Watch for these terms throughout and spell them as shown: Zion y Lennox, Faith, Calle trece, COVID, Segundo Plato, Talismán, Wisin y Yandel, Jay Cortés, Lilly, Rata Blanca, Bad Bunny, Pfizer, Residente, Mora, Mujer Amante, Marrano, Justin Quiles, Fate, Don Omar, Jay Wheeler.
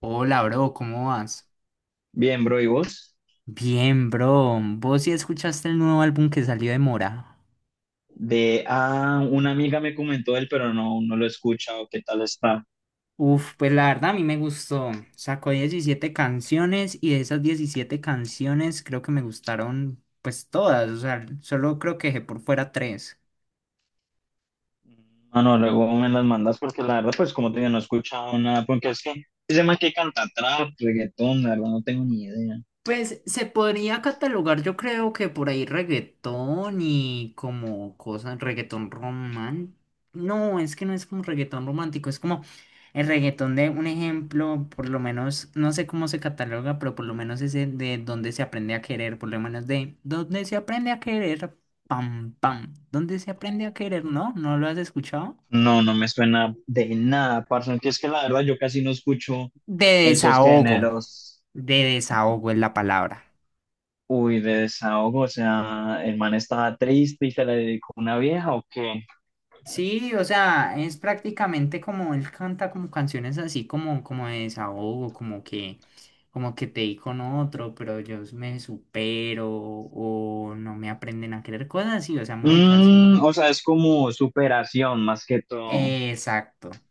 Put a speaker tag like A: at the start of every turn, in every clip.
A: Hola, bro, ¿cómo vas?
B: Bien, bro, ¿y vos?
A: Bien, bro. ¿Vos sí escuchaste el nuevo álbum que salió de Mora?
B: Una amiga me comentó él, pero no, no lo he escuchado. ¿Qué tal está?
A: Uf, pues la verdad a mí me gustó. Sacó 17 canciones y de esas 17 canciones creo que me gustaron pues todas. O sea, solo creo que dejé por fuera tres.
B: Ah, no, luego me las mandas porque la verdad, pues como te digo, no he escuchado nada, porque es que ese man que canta trap, reggaetón, la verdad, no tengo ni idea.
A: Pues se podría catalogar, yo creo que por ahí reggaetón y como cosas, reggaetón romántico. No, es que no es como reggaetón romántico, es como el reggaetón de un ejemplo, por lo menos, no sé cómo se cataloga, pero por lo menos ese de donde se aprende a querer, por lo menos de donde se aprende a querer, pam, pam, donde se aprende a querer, ¿no? ¿No lo has escuchado?
B: No, no me suena de nada, parce, aunque es que la verdad yo casi no escucho
A: De
B: esos
A: desahogo,
B: géneros.
A: de desahogo es la palabra.
B: Uy, de desahogo, o sea, el man estaba triste y se le dedicó una vieja, ¿o qué?
A: Sí, o sea, es prácticamente como él canta como canciones así como, como de desahogo, como que te di con otro, pero yo me supero o no me aprenden a querer cosas así, o sea, música así.
B: O sea, es como superación más que todo.
A: Exacto.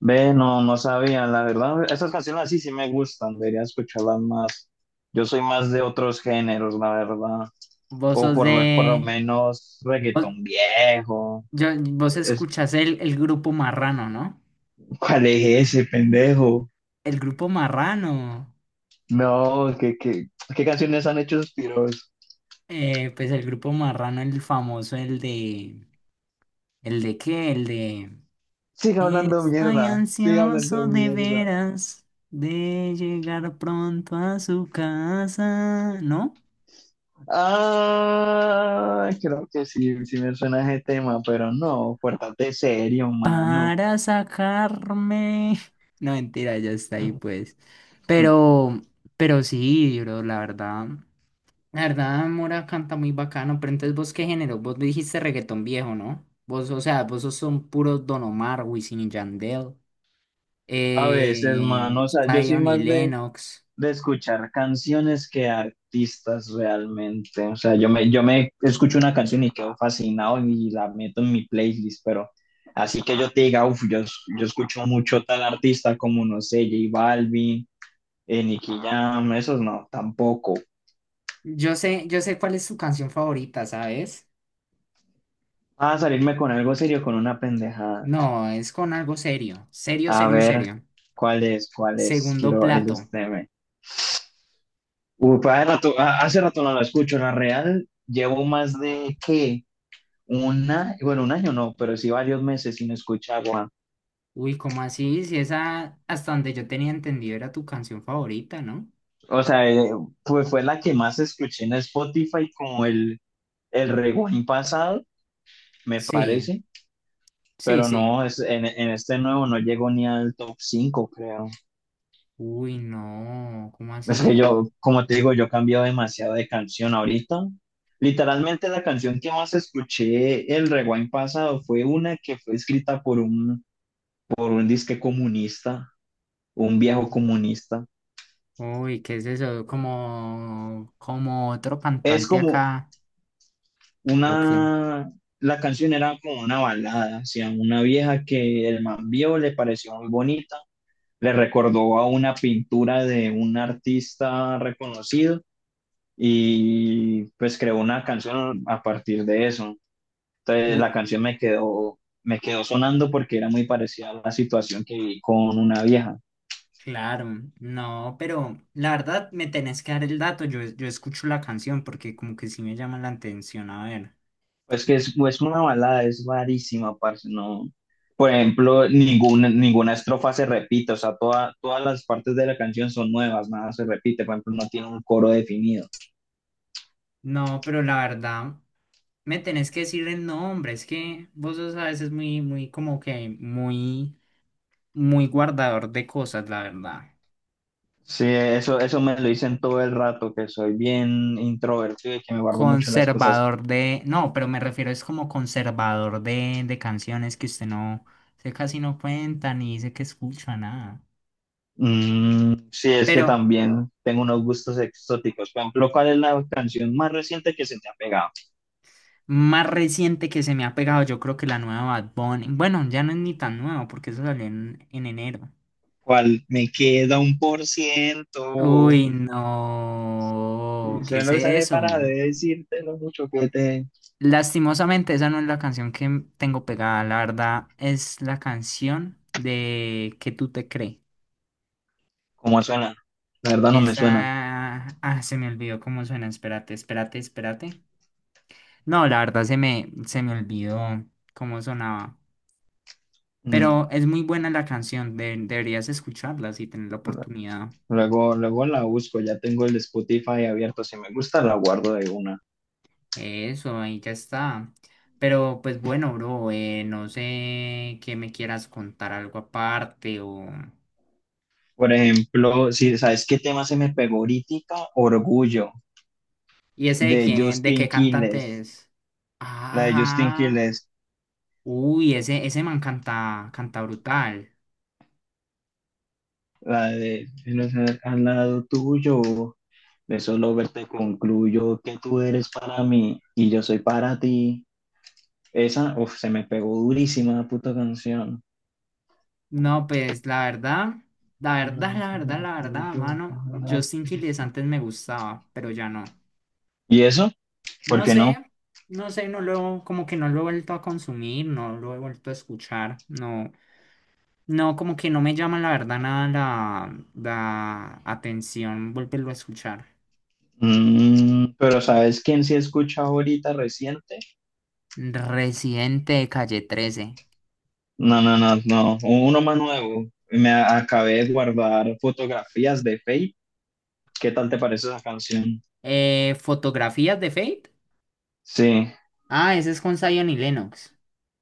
B: Ve, no, no sabía, la verdad, esas canciones así sí me gustan, debería escucharlas más. Yo soy más de otros géneros, la verdad,
A: Vos
B: o
A: sos
B: por lo
A: de...
B: menos
A: Vos,
B: reggaetón viejo.
A: vos
B: Es,
A: escuchás el grupo Marrano, ¿no?
B: ¿Cuál es ese pendejo?
A: El grupo Marrano.
B: No, ¿qué canciones han hecho suspiros tiros?
A: Pues el grupo Marrano, el famoso, el de... ¿El de qué? El de...
B: Sigue hablando
A: Estoy
B: mierda, sigue hablando
A: ansioso de
B: mierda.
A: veras de llegar pronto a su casa, ¿no?
B: Ah, creo que sí, sí me suena ese tema, pero no, pórtate serio, mano.
A: Para sacarme. No, mentira, ya está ahí, pues. Pero, pero sí, bro, la verdad. La verdad, Mora canta muy bacano, pero entonces ¿vos qué género? Vos dijiste reggaetón viejo, ¿no? Vos, o sea, vos sos un puro Don Omar, Wisin y Yandel,
B: A veces, mano, o sea, yo soy
A: Zion y
B: más de
A: Lennox.
B: de escuchar canciones que artistas realmente. O sea, yo me escucho una canción y quedo fascinado y la meto en mi playlist, pero así que yo te diga, uff, yo escucho mucho tal artista como, no sé, J Balvin, Nicky Jam, esos no, tampoco.
A: Yo sé cuál es su canción favorita, ¿sabes?
B: A salirme con algo serio, con una pendejada.
A: No, es con algo serio, serio,
B: A
A: serio,
B: ver,
A: serio.
B: ¿cuál es? ¿Cuál es?
A: Segundo
B: Quiero
A: plato.
B: ilustrarme. Uf, hace rato no la escucho, la real. Llevo más de, ¿qué? Bueno, un año no, pero sí varios meses sin escuchar Juan.
A: Uy, ¿cómo así? Si esa, hasta donde yo tenía entendido, era tu canción favorita, ¿no?
B: O sea, fue la que más escuché en Spotify como el rewind pasado, me
A: Sí,
B: parece,
A: sí,
B: pero
A: sí.
B: no, en este nuevo no llegó ni al top 5 creo.
A: Uy, no, ¿cómo
B: Es que
A: así?
B: yo, como te digo, yo he cambiado demasiado de canción ahorita. Literalmente la canción que más escuché el rewind pasado fue una que fue escrita por un disque comunista, un viejo comunista.
A: Uy, ¿qué es eso? Como otro
B: Es
A: cantante
B: como,
A: acá. ¿O qué?
B: una, la canción era como una balada, hacia una vieja que el man vio, le pareció muy bonita, le recordó a una pintura de un artista reconocido y pues creó una canción a partir de eso. Entonces
A: Uy,
B: la canción me quedó sonando porque era muy parecida a la situación que viví con una vieja.
A: claro, no, pero la verdad me tenés que dar el dato. Yo escucho la canción porque como que sí me llama la atención, a ver.
B: Pues que es una balada, es rarísima, parce, no. Por ejemplo, ninguna estrofa se repite, o sea, todas las partes de la canción son nuevas, nada se repite, por ejemplo, no tiene un coro definido.
A: No, pero la verdad, me tenés que decir el nombre. Es que vos sos a veces muy, muy, como que muy, muy guardador de cosas, la verdad.
B: Sí, eso me lo dicen todo el rato, que soy bien introvertido y que me guardo mucho las cosas.
A: Conservador de. No, pero me refiero es como conservador de, canciones que usted no. Usted casi no cuenta ni dice que escucha nada.
B: Mm, sí, es que
A: Pero
B: también tengo unos gustos exóticos. Por ejemplo, ¿cuál es la canción más reciente que se te ha pegado?
A: más reciente que se me ha pegado, yo creo que la nueva Bad Bunny. Bueno, ya no es ni tan nuevo, porque eso salió en enero.
B: ¿Cuál me queda 1%?
A: Uy, no.
B: Yo
A: ¿Qué es
B: no usaré
A: eso?
B: para decirte lo mucho que te...
A: Lastimosamente, esa no es la canción que tengo pegada, la verdad, es la canción de Que tú te crees.
B: ¿Cómo suena? La verdad no me suena.
A: Esa... Ah, se me olvidó cómo suena, espérate, espérate, espérate. No, la verdad se me olvidó cómo sonaba.
B: Mm,
A: Pero es muy buena la canción, deberías escucharla si tienes la oportunidad.
B: Luego, luego la busco, ya tengo el Spotify abierto. Si me gusta, la guardo de una.
A: Eso, ahí ya está. Pero pues bueno, bro, no sé que me quieras contar algo aparte o...
B: Por ejemplo, si sabes qué tema se me pegó ahorita, Orgullo,
A: ¿Y ese de
B: de
A: quién, de
B: Justin
A: qué cantante
B: Quiles.
A: es?
B: La de Justin
A: Ah,
B: Quiles,
A: uy, ese man canta brutal.
B: la de "Si no sé, al lado tuyo, de solo verte concluyo que tú eres para mí y yo soy para ti". Esa, uf, se me pegó durísima la puta canción.
A: No, pues la verdad, la verdad, la verdad, la verdad, mano, Justin Quiles antes me gustaba, pero ya no.
B: ¿Y eso? ¿Por
A: No
B: qué
A: sé,
B: no?
A: no sé, como que no lo he vuelto a consumir, no lo he vuelto a escuchar, no, no, como que no me llama la verdad nada la atención volverlo a escuchar.
B: Pero ¿sabes quién sí escucha ahorita reciente?
A: Residente de Calle 13.
B: No, no, no, no. Uno más nuevo. Me acabé de guardar fotografías de Faith. ¿Qué tal te parece esa canción?
A: Fotografías de Fate.
B: Sí,
A: Ah, esa es con Zion y Lennox.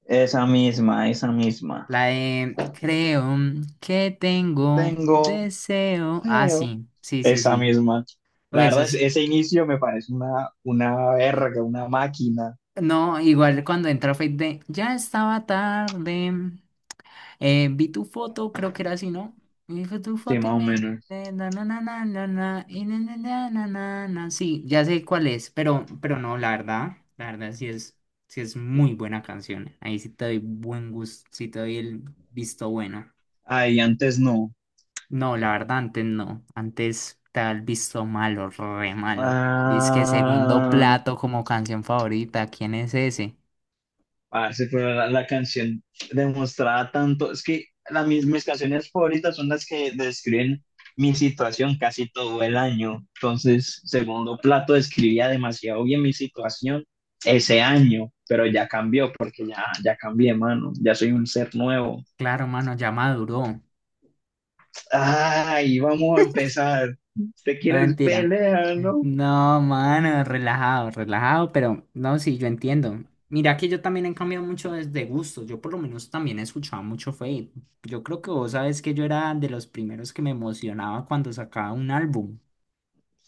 B: esa misma, esa misma.
A: La de Creo que tengo
B: Tengo
A: deseo. Ah,
B: feo.
A: sí, sí, sí,
B: Esa
A: sí.
B: misma.
A: Uy,
B: La
A: eso
B: verdad,
A: es.
B: ese inicio me parece una verga, una máquina.
A: No, igual cuando entra Fate de Ya estaba tarde. Vi tu foto, creo que era así, ¿no? Vi tu
B: Sí,
A: foto y
B: más o
A: me...
B: menos.
A: na, na, na, na, na, na, y na, na, na, na, na, na. Sí, ya sé cuál es, pero, no, la verdad, sí es, muy buena canción. Ahí sí te doy buen gusto, sí te doy el visto bueno.
B: Ay, antes no.
A: No, la verdad, antes no. Antes te da el visto malo, re malo. Dice que segundo
B: Ah,
A: plato como canción favorita, ¿quién es ese?
B: parce, pero la canción demostraba tanto, es que mis canciones favoritas son las que describen mi situación casi todo el año. Entonces, Segundo Plato describía demasiado bien mi situación ese año, pero ya cambió porque ya cambié, mano, ya soy un ser nuevo.
A: Claro, mano, ya maduró.
B: Ay, vamos a empezar. ¿Te
A: No,
B: quieres
A: mentira.
B: pelear, no?
A: No, mano, relajado, relajado, pero no, sí, yo entiendo. Mira que yo también he cambiado mucho desde gusto. Yo por lo menos también escuchaba mucho Fate. Yo creo que vos sabes que yo era de los primeros que me emocionaba cuando sacaba un álbum.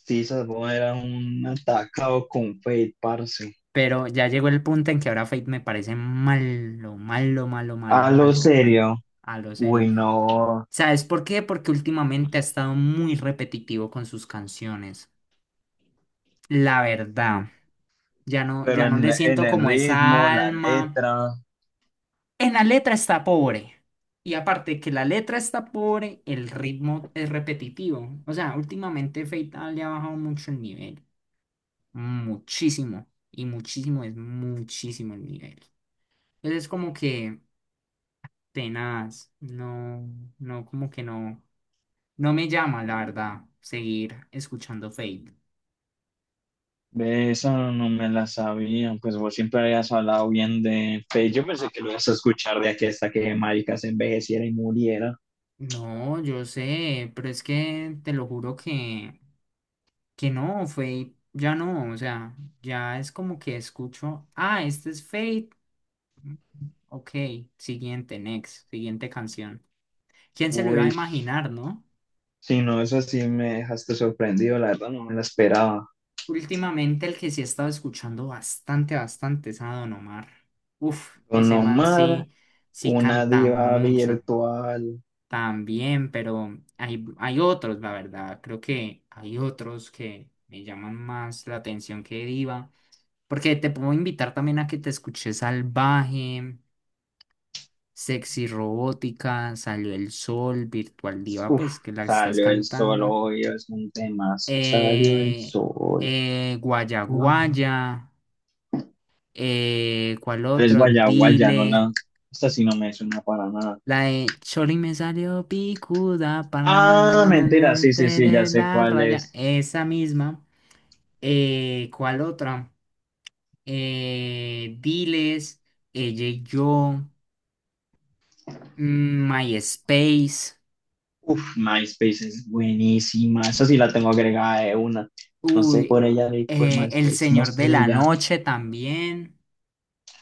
B: Sí, Salvo era un atacado con Fate, parce.
A: Pero ya llegó el punto en que ahora Fate me parece malo, malo, malo, malo,
B: A lo
A: mal cantante.
B: serio.
A: A lo serio.
B: Uy, no.
A: ¿Sabes por qué? Porque últimamente ha estado muy repetitivo con sus canciones. La verdad. Ya no,
B: Pero
A: ya no
B: en,
A: le
B: en
A: siento
B: el
A: como
B: ritmo,
A: esa
B: la
A: alma.
B: letra,
A: En la letra está pobre. Y aparte que la letra está pobre, el ritmo es repetitivo. O sea, últimamente Feita le ha bajado mucho el nivel. Muchísimo. Y muchísimo es muchísimo el nivel. Entonces es como que tenaz. No, no, como que no. No me llama, la verdad, seguir escuchando Fate.
B: de esa no me la sabía, pues vos siempre habías hablado bien de Faith, yo pensé que lo ibas a escuchar de aquí hasta que marica se envejeciera y muriera.
A: No, yo sé, pero es que te lo juro que. No, Fate ya no, o sea, ya es como que escucho, ah, este es Fate, ok, siguiente, next, siguiente canción. ¿Quién se lo iba a
B: Uy,
A: imaginar, no?
B: si no, eso sí me dejaste sorprendido, la verdad no me la esperaba.
A: Últimamente el que sí he estado escuchando bastante, bastante es a Don Omar. Uf,
B: Don
A: ese man
B: Omar,
A: sí
B: una
A: canta
B: diva
A: mucho
B: virtual.
A: también, pero hay otros, la verdad, creo que hay otros que me llaman más la atención que Diva. Porque te puedo invitar también a que te escuches Salvaje, Sexy Robótica, Salió el Sol, Virtual Diva,
B: Uf,
A: pues que la estás
B: salió el sol
A: cantando.
B: hoy, es un temazo. Salió el
A: Eh,
B: sol.
A: Guaya
B: Ah,
A: Guaya, ¿cuál
B: ¿cuál es
A: otro?
B: Guaya Guaya?
A: Dile.
B: Esta sí no me suena para nada.
A: La de Chori me salió picuda,
B: Ah,
A: pananana,
B: mentira, sí, sí, sí, ya
A: de
B: sé
A: la
B: cuál
A: raya,
B: es.
A: esa misma. ¿Cuál otra? Diles, ella y yo, MySpace.
B: Uf, MySpace es buenísima. Esa sí la tengo agregada de una. No sé
A: Uy,
B: por ella ni por
A: El
B: MySpace, no
A: Señor
B: sé
A: de
B: de
A: la
B: ella.
A: Noche también,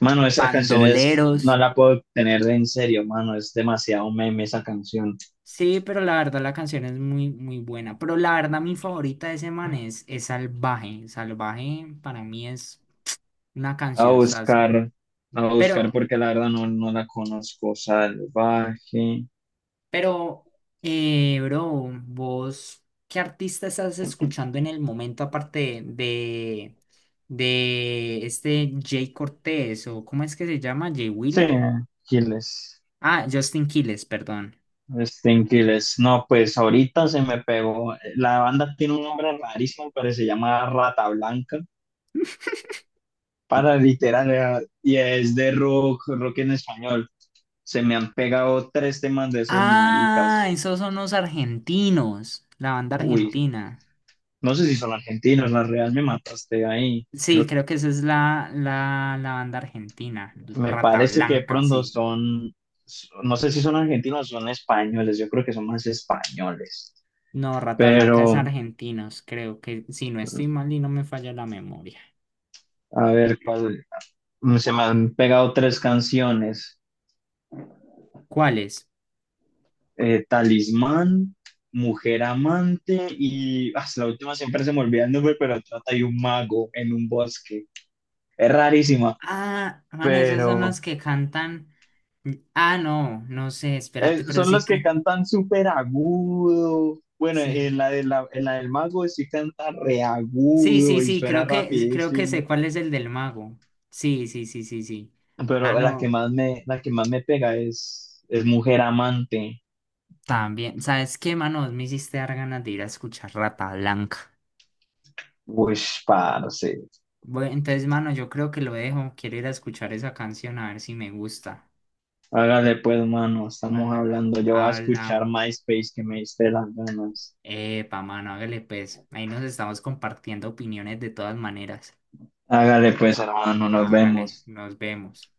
B: Mano, esa canción no
A: Bandoleros.
B: la puedo tener de en serio, mano, es demasiado meme esa canción.
A: Sí, pero la verdad la canción es muy, muy buena. Pero la verdad mi favorita de ese man es Salvaje. Salvaje para mí es una
B: A
A: canción sas.
B: buscar, a buscar
A: Pero,
B: porque la verdad no, no la conozco. Salvaje.
A: pero, bro, vos, ¿qué artista estás escuchando en el momento aparte de, este Jay Cortés o cómo es que se llama? Jay
B: Sí,
A: Wheeler.
B: Quiles.
A: Ah, Justin Quiles, perdón.
B: Sting Quiles. No, pues ahorita se me pegó. La banda tiene un nombre rarísimo, pero se llama Rata Blanca. Para literal, y es de rock, rock en español. Se me han pegado tres temas de esos
A: Ah,
B: maricas.
A: esos son los argentinos, la banda
B: Uy,
A: argentina.
B: no sé si son argentinos, la real me mataste ahí.
A: Sí, creo que esa es la banda argentina,
B: Me
A: Rata
B: parece que de
A: Blanca,
B: pronto
A: sí.
B: son, no sé si son argentinos o son españoles, yo creo que son más españoles.
A: No, Rata Blanca es
B: Pero,
A: argentinos, creo que si no estoy mal y no me falla la memoria.
B: a ver, ¿cuál? Se me han pegado tres canciones.
A: ¿Cuáles?
B: Talismán, Mujer Amante y la última siempre se me olvida el nombre, pero trata de un mago en un bosque. Es rarísima,
A: Ah, mano, esos son
B: pero
A: los que cantan. Ah, no, no sé, espérate, pero
B: son
A: sí,
B: los que cantan súper agudo. Bueno, en
A: sí.
B: la, de la, en la del mago sí canta
A: Sí, sí,
B: reagudo y
A: sí,
B: suena
A: creo que sé
B: rapidísimo,
A: cuál es el del mago. Sí, sí, sí, sí, sí. Ah,
B: pero la que
A: no.
B: más me, la que más me pega es Mujer Amante.
A: También, ¿sabes qué, mano? Me hiciste dar ganas de ir a escuchar Rata Blanca.
B: Uy, parce.
A: Bueno, entonces, mano, yo creo que lo dejo. Quiero ir a escuchar esa canción a ver si me gusta.
B: Hágale pues, mano, estamos
A: Hágale.
B: hablando. Yo voy a escuchar
A: Hablamos.
B: MySpace que me diste las ganas.
A: Epa, mano, hágale pues. Ahí nos estamos compartiendo opiniones de todas maneras.
B: Hágale pues, hermano, nos
A: Hágale,
B: vemos.
A: nos vemos.